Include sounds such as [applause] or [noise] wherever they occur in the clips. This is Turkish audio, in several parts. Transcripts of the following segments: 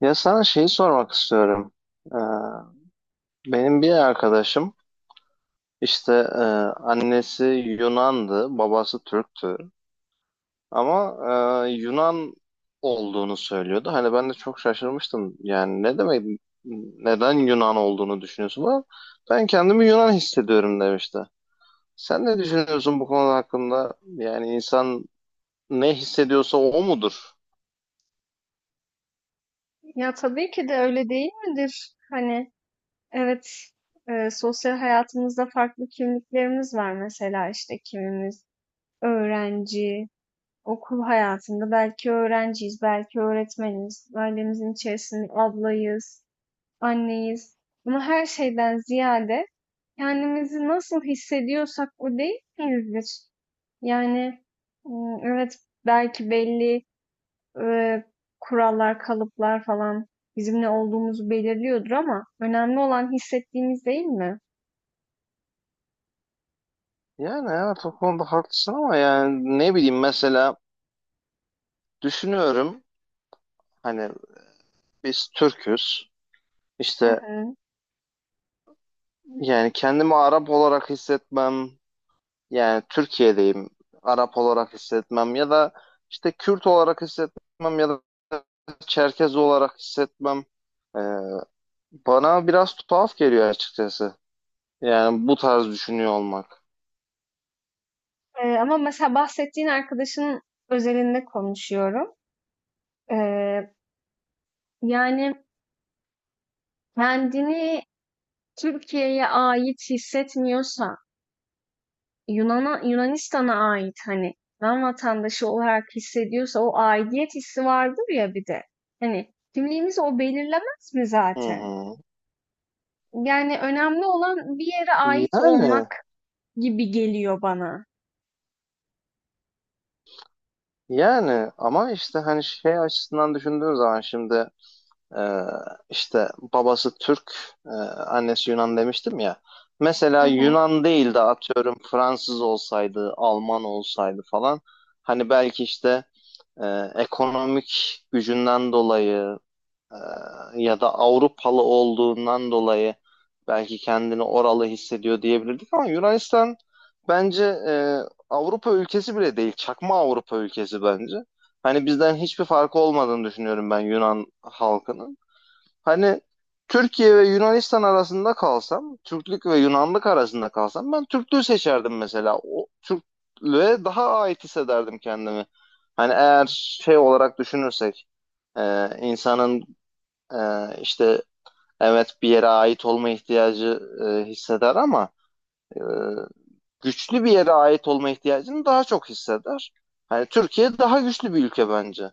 Ya sana şeyi sormak istiyorum. Ee, Benim bir arkadaşım işte e, annesi Yunan'dı, babası Türk'tü. Ama Yunan olduğunu söylüyordu. Hani ben de çok şaşırmıştım. Yani ne demek, neden Yunan olduğunu düşünüyorsun? Ama ben kendimi Yunan hissediyorum demişti. Sen ne düşünüyorsun bu konuda hakkında? Yani insan ne hissediyorsa o mudur? Ya tabii ki de öyle değil midir? Hani evet, sosyal hayatımızda farklı kimliklerimiz var, mesela işte kimimiz öğrenci, okul hayatında belki öğrenciyiz, belki öğretmeniz, ailemizin içerisinde ablayız, anneyiz. Ama her şeyden ziyade kendimizi nasıl hissediyorsak o değil miyizdir? Yani, evet, belki belli e, kurallar, kalıplar falan bizim ne olduğumuzu belirliyordur, ama önemli olan hissettiğimiz değil mi? Yani evet, o konuda haklısın ama yani ne bileyim, mesela düşünüyorum. Hani biz Türk'üz. Hı İşte hı. yani kendimi Arap olarak hissetmem, yani Türkiye'deyim, Arap olarak hissetmem ya da işte Kürt olarak hissetmem ya da Çerkez olarak hissetmem e, bana biraz tuhaf geliyor açıkçası. Yani bu tarz düşünüyor olmak. Ama mesela bahsettiğin arkadaşın özelinde konuşuyorum. E, Yani kendini Türkiye'ye ait hissetmiyorsa, Yunan'a, Yunanistan'a ait, hani Yunan vatandaşı olarak hissediyorsa, o aidiyet hissi vardır ya bir de. Hani kimliğimizi o belirlemez mi Hı zaten? hı. Yani önemli olan bir yere ait Yani olmak gibi geliyor bana. yani ama işte hani şey açısından düşündüğün zaman şimdi Ee, işte babası Türk, e, annesi Yunan demiştim ya. Mesela Hı hı. Yunan değil de atıyorum Fransız olsaydı, Alman olsaydı falan. Hani belki işte ekonomik gücünden dolayı e, ya da Avrupalı olduğundan dolayı belki kendini oralı hissediyor diyebilirdik. Ama Yunanistan bence Avrupa ülkesi bile değil, çakma Avrupa ülkesi bence. Hani bizden hiçbir farkı olmadığını düşünüyorum ben Yunan halkının. Hani Türkiye ve Yunanistan arasında kalsam, Türklük ve Yunanlık arasında kalsam ben Türklüğü seçerdim mesela. O Türklüğe daha ait hissederdim kendimi. Hani eğer şey olarak düşünürsek, insanın e, işte evet, bir yere ait olma ihtiyacı hisseder ama e, güçlü bir yere ait olma ihtiyacını daha çok hisseder. Hani Türkiye daha güçlü bir ülke bence.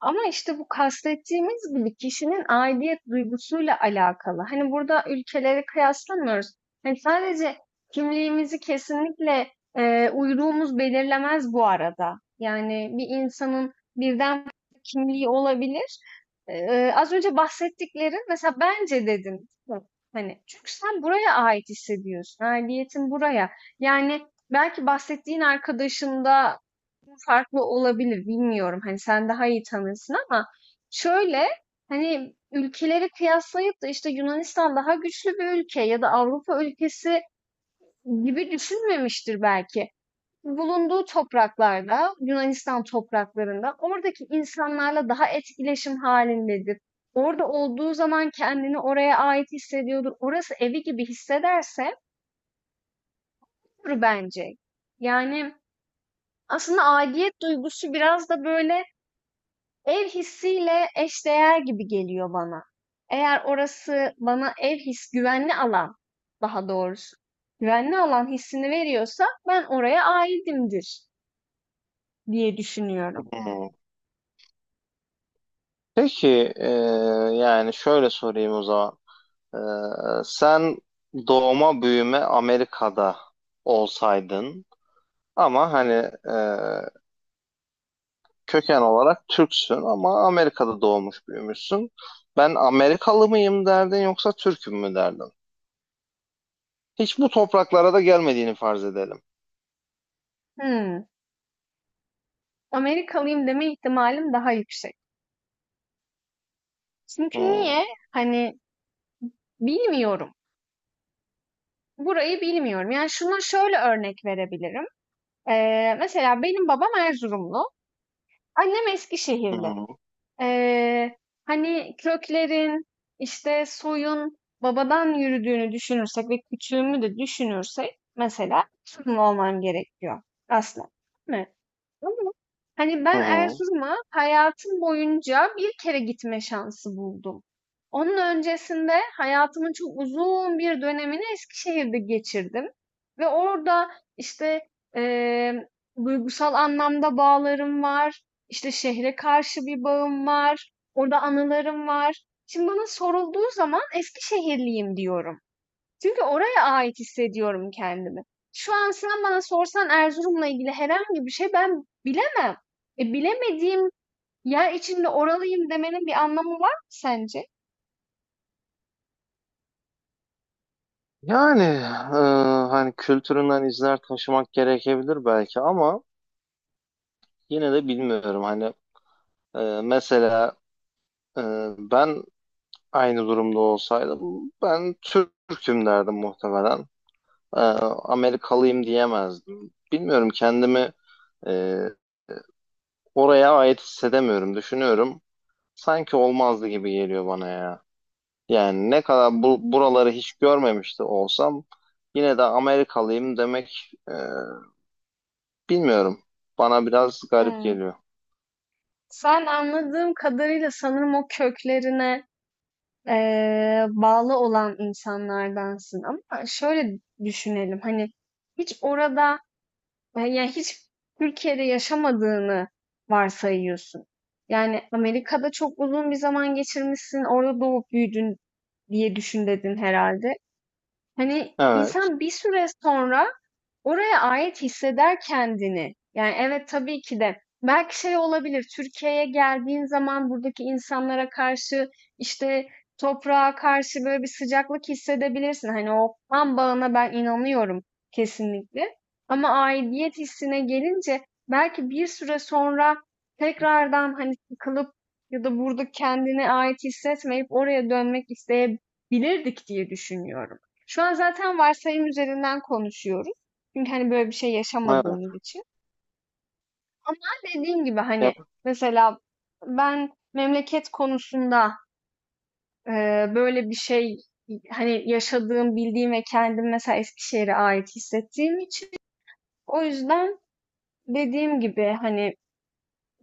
Ama işte bu, kastettiğimiz gibi kişinin aidiyet duygusuyla alakalı. Hani burada ülkeleri kıyaslamıyoruz. Hani sadece kimliğimizi kesinlikle uyruğumuz belirlemez bu arada. Yani bir insanın birden fazla kimliği olabilir. Az önce bahsettiklerin mesela, bence dedim. Hani çünkü sen buraya ait hissediyorsun. Aidiyetin buraya. Yani belki bahsettiğin arkadaşında farklı olabilir, bilmiyorum. Hani sen daha iyi tanırsın, ama şöyle, hani ülkeleri kıyaslayıp da işte Yunanistan daha güçlü bir ülke ya da Avrupa ülkesi gibi düşünmemiştir belki. Bulunduğu topraklarda, Yunanistan topraklarında oradaki insanlarla daha etkileşim halindedir. Orada olduğu zaman kendini oraya ait hissediyordur. Orası evi gibi hissederse olur bence. Yani aslında aidiyet duygusu biraz da böyle ev hissiyle eşdeğer gibi geliyor bana. Eğer orası bana ev his, güvenli alan daha doğrusu, güvenli alan hissini veriyorsa, ben oraya aitimdir diye düşünüyorum. Hmm. Peki yani şöyle sorayım o zaman. Ee, Sen doğma büyüme Amerika'da olsaydın, ama hani e, köken olarak Türksün ama Amerika'da doğmuş büyümüşsün. Ben Amerikalı mıyım derdin yoksa Türk'üm mü derdin? Hiç bu topraklara da gelmediğini farz edelim. Hmm, Amerikalıyım deme ihtimalim daha yüksek. Çünkü Hmm, niye? Hani bilmiyorum. Burayı bilmiyorum. Yani şuna şöyle örnek verebilirim. Mesela benim babam Erzurumlu, annem hı Eskişehirli. hı, Eee, Hani köklerin, işte, soyun babadan yürüdüğünü düşünürsek ve küçüğümü de düşünürsek, mesela Türk mü olmam gerekiyor aslında, değil mi? Ama hani hı ben hı. Erzurum'a hayatım boyunca bir kere gitme şansı buldum. Onun öncesinde hayatımın çok uzun bir dönemini Eskişehir'de geçirdim. Ve orada, işte, eee, duygusal anlamda bağlarım var. İşte şehre karşı bir bağım var. Orada anılarım var. Şimdi bana sorulduğu zaman Eskişehirliyim diyorum. Çünkü oraya ait hissediyorum kendimi. Şu an sen bana sorsan Erzurum'la ilgili herhangi bir şey ben bilemem. Bilemediğim yer içinde oralıyım demenin bir anlamı var mı sence? Yani hani kültüründen izler taşımak gerekebilir belki ama yine de bilmiyorum. Hani e, mesela e, ben aynı durumda olsaydım ben Türk'üm derdim muhtemelen. Amerikalıyım diyemezdim. Bilmiyorum, kendimi e, oraya ait hissedemiyorum. Düşünüyorum. Sanki olmazdı gibi geliyor bana ya. Yani ne kadar buraları hiç görmemişti olsam yine de Amerikalıyım demek bilmiyorum. Bana biraz garip Hmm. geliyor. Sen anladığım kadarıyla sanırım o köklerine bağlı olan insanlardansın. Ama şöyle düşünelim, hani hiç orada, yani hiç Türkiye'de yaşamadığını varsayıyorsun. Yani Amerika'da çok uzun bir zaman geçirmişsin, orada doğup büyüdün diye düşün dedin herhalde. Hani Evet, insan bir süre sonra oraya ait hisseder kendini. Yani evet, tabii ki de belki şey olabilir. Türkiye'ye geldiğin zaman buradaki insanlara karşı, işte toprağa karşı böyle bir sıcaklık hissedebilirsin. Hani o kan bağına ben inanıyorum kesinlikle. Ama aidiyet hissine gelince belki bir süre sonra tekrardan hani sıkılıp ya da burada kendine ait hissetmeyip oraya dönmek isteyebilirdik diye düşünüyorum. Şu an zaten varsayım üzerinden konuşuyoruz. Çünkü hani böyle bir şey evet. yaşamadığımız için. Ama dediğim gibi, hani Ya- mesela ben memleket konusunda, e, böyle bir şey, hani yaşadığım, bildiğim ve kendim mesela Eskişehir'e ait hissettiğim için, o yüzden dediğim gibi, hani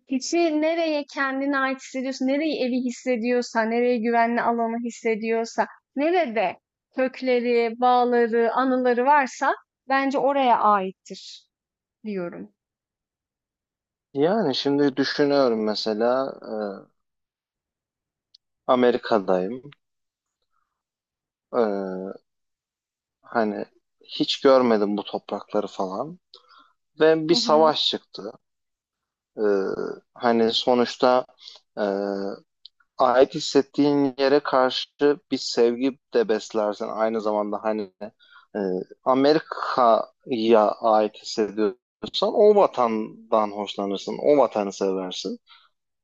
kişi nereye kendine ait hissediyorsa, nereyi evi hissediyorsa, nereye güvenli alanı hissediyorsa, nerede kökleri, bağları, anıları varsa bence oraya aittir diyorum. Yani şimdi düşünüyorum, mesela Amerika'dayım. E, hani hiç görmedim bu toprakları falan. Ve Hı bir hı. savaş çıktı. Ee, hani sonuçta e, ait hissettiğin yere karşı bir sevgi de beslersin. Aynı zamanda hani e, Amerika'ya ait hissediyorsan o vatandan hoşlanırsın. O vatanı seversin.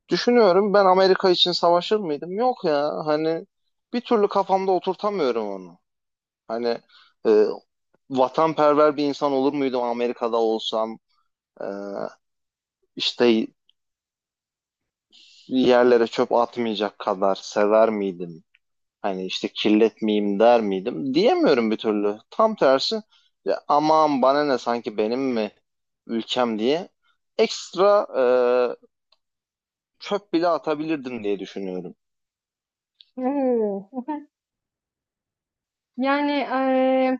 Düşünüyorum, ben Amerika için savaşır mıydım? Yok ya, hani bir türlü kafamda oturtamıyorum onu. Hani e, vatanperver bir insan olur muydum Amerika'da olsam? Ee, işte yerlere çöp atmayacak kadar sever miydim? Hani işte kirletmeyeyim der miydim? Diyemiyorum bir türlü. Tam tersi, ya aman bana ne, sanki benim mi ülkem diye ekstra çöp bile atabilirdim diye düşünüyorum. Oo. Hı hı. Yani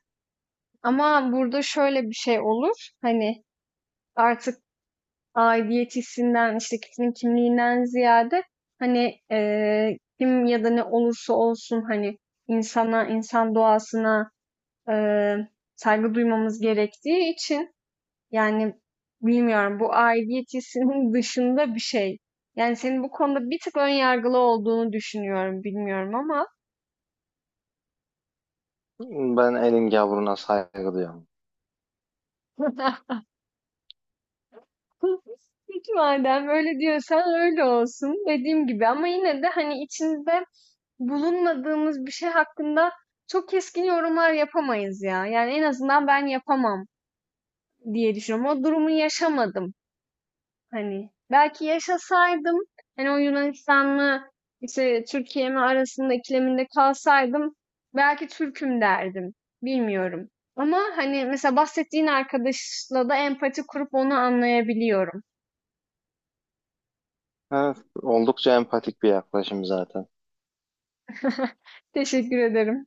ama burada şöyle bir şey olur. Hani artık aidiyet hissinden, işte kişinin kimliğinden ziyade, hani kim ya da ne olursa olsun, hani insana, insan doğasına eee, saygı duymamız gerektiği için. Yani bilmiyorum, bu aidiyet hissinin [laughs] dışında bir şey. Yani senin bu konuda bir tık ön yargılı olduğunu düşünüyorum, bilmiyorum ama. Ben elin gavruna saygı duyuyorum. [laughs] Peki, madem öyle diyorsan öyle olsun, dediğim gibi, ama yine de hani içinde bulunmadığımız bir şey hakkında çok keskin yorumlar yapamayız ya. Yani en azından ben yapamam diye düşünüyorum. O durumu yaşamadım. Hani belki yaşasaydım, hani o Yunanistan'la işte Türkiye mi arasında ikileminde kalsaydım, belki Türk'üm derdim. Bilmiyorum. Ama hani mesela bahsettiğin arkadaşla da empati kurup onu anlayabiliyorum. Evet, oldukça empatik bir yaklaşım zaten. [laughs] Teşekkür ederim.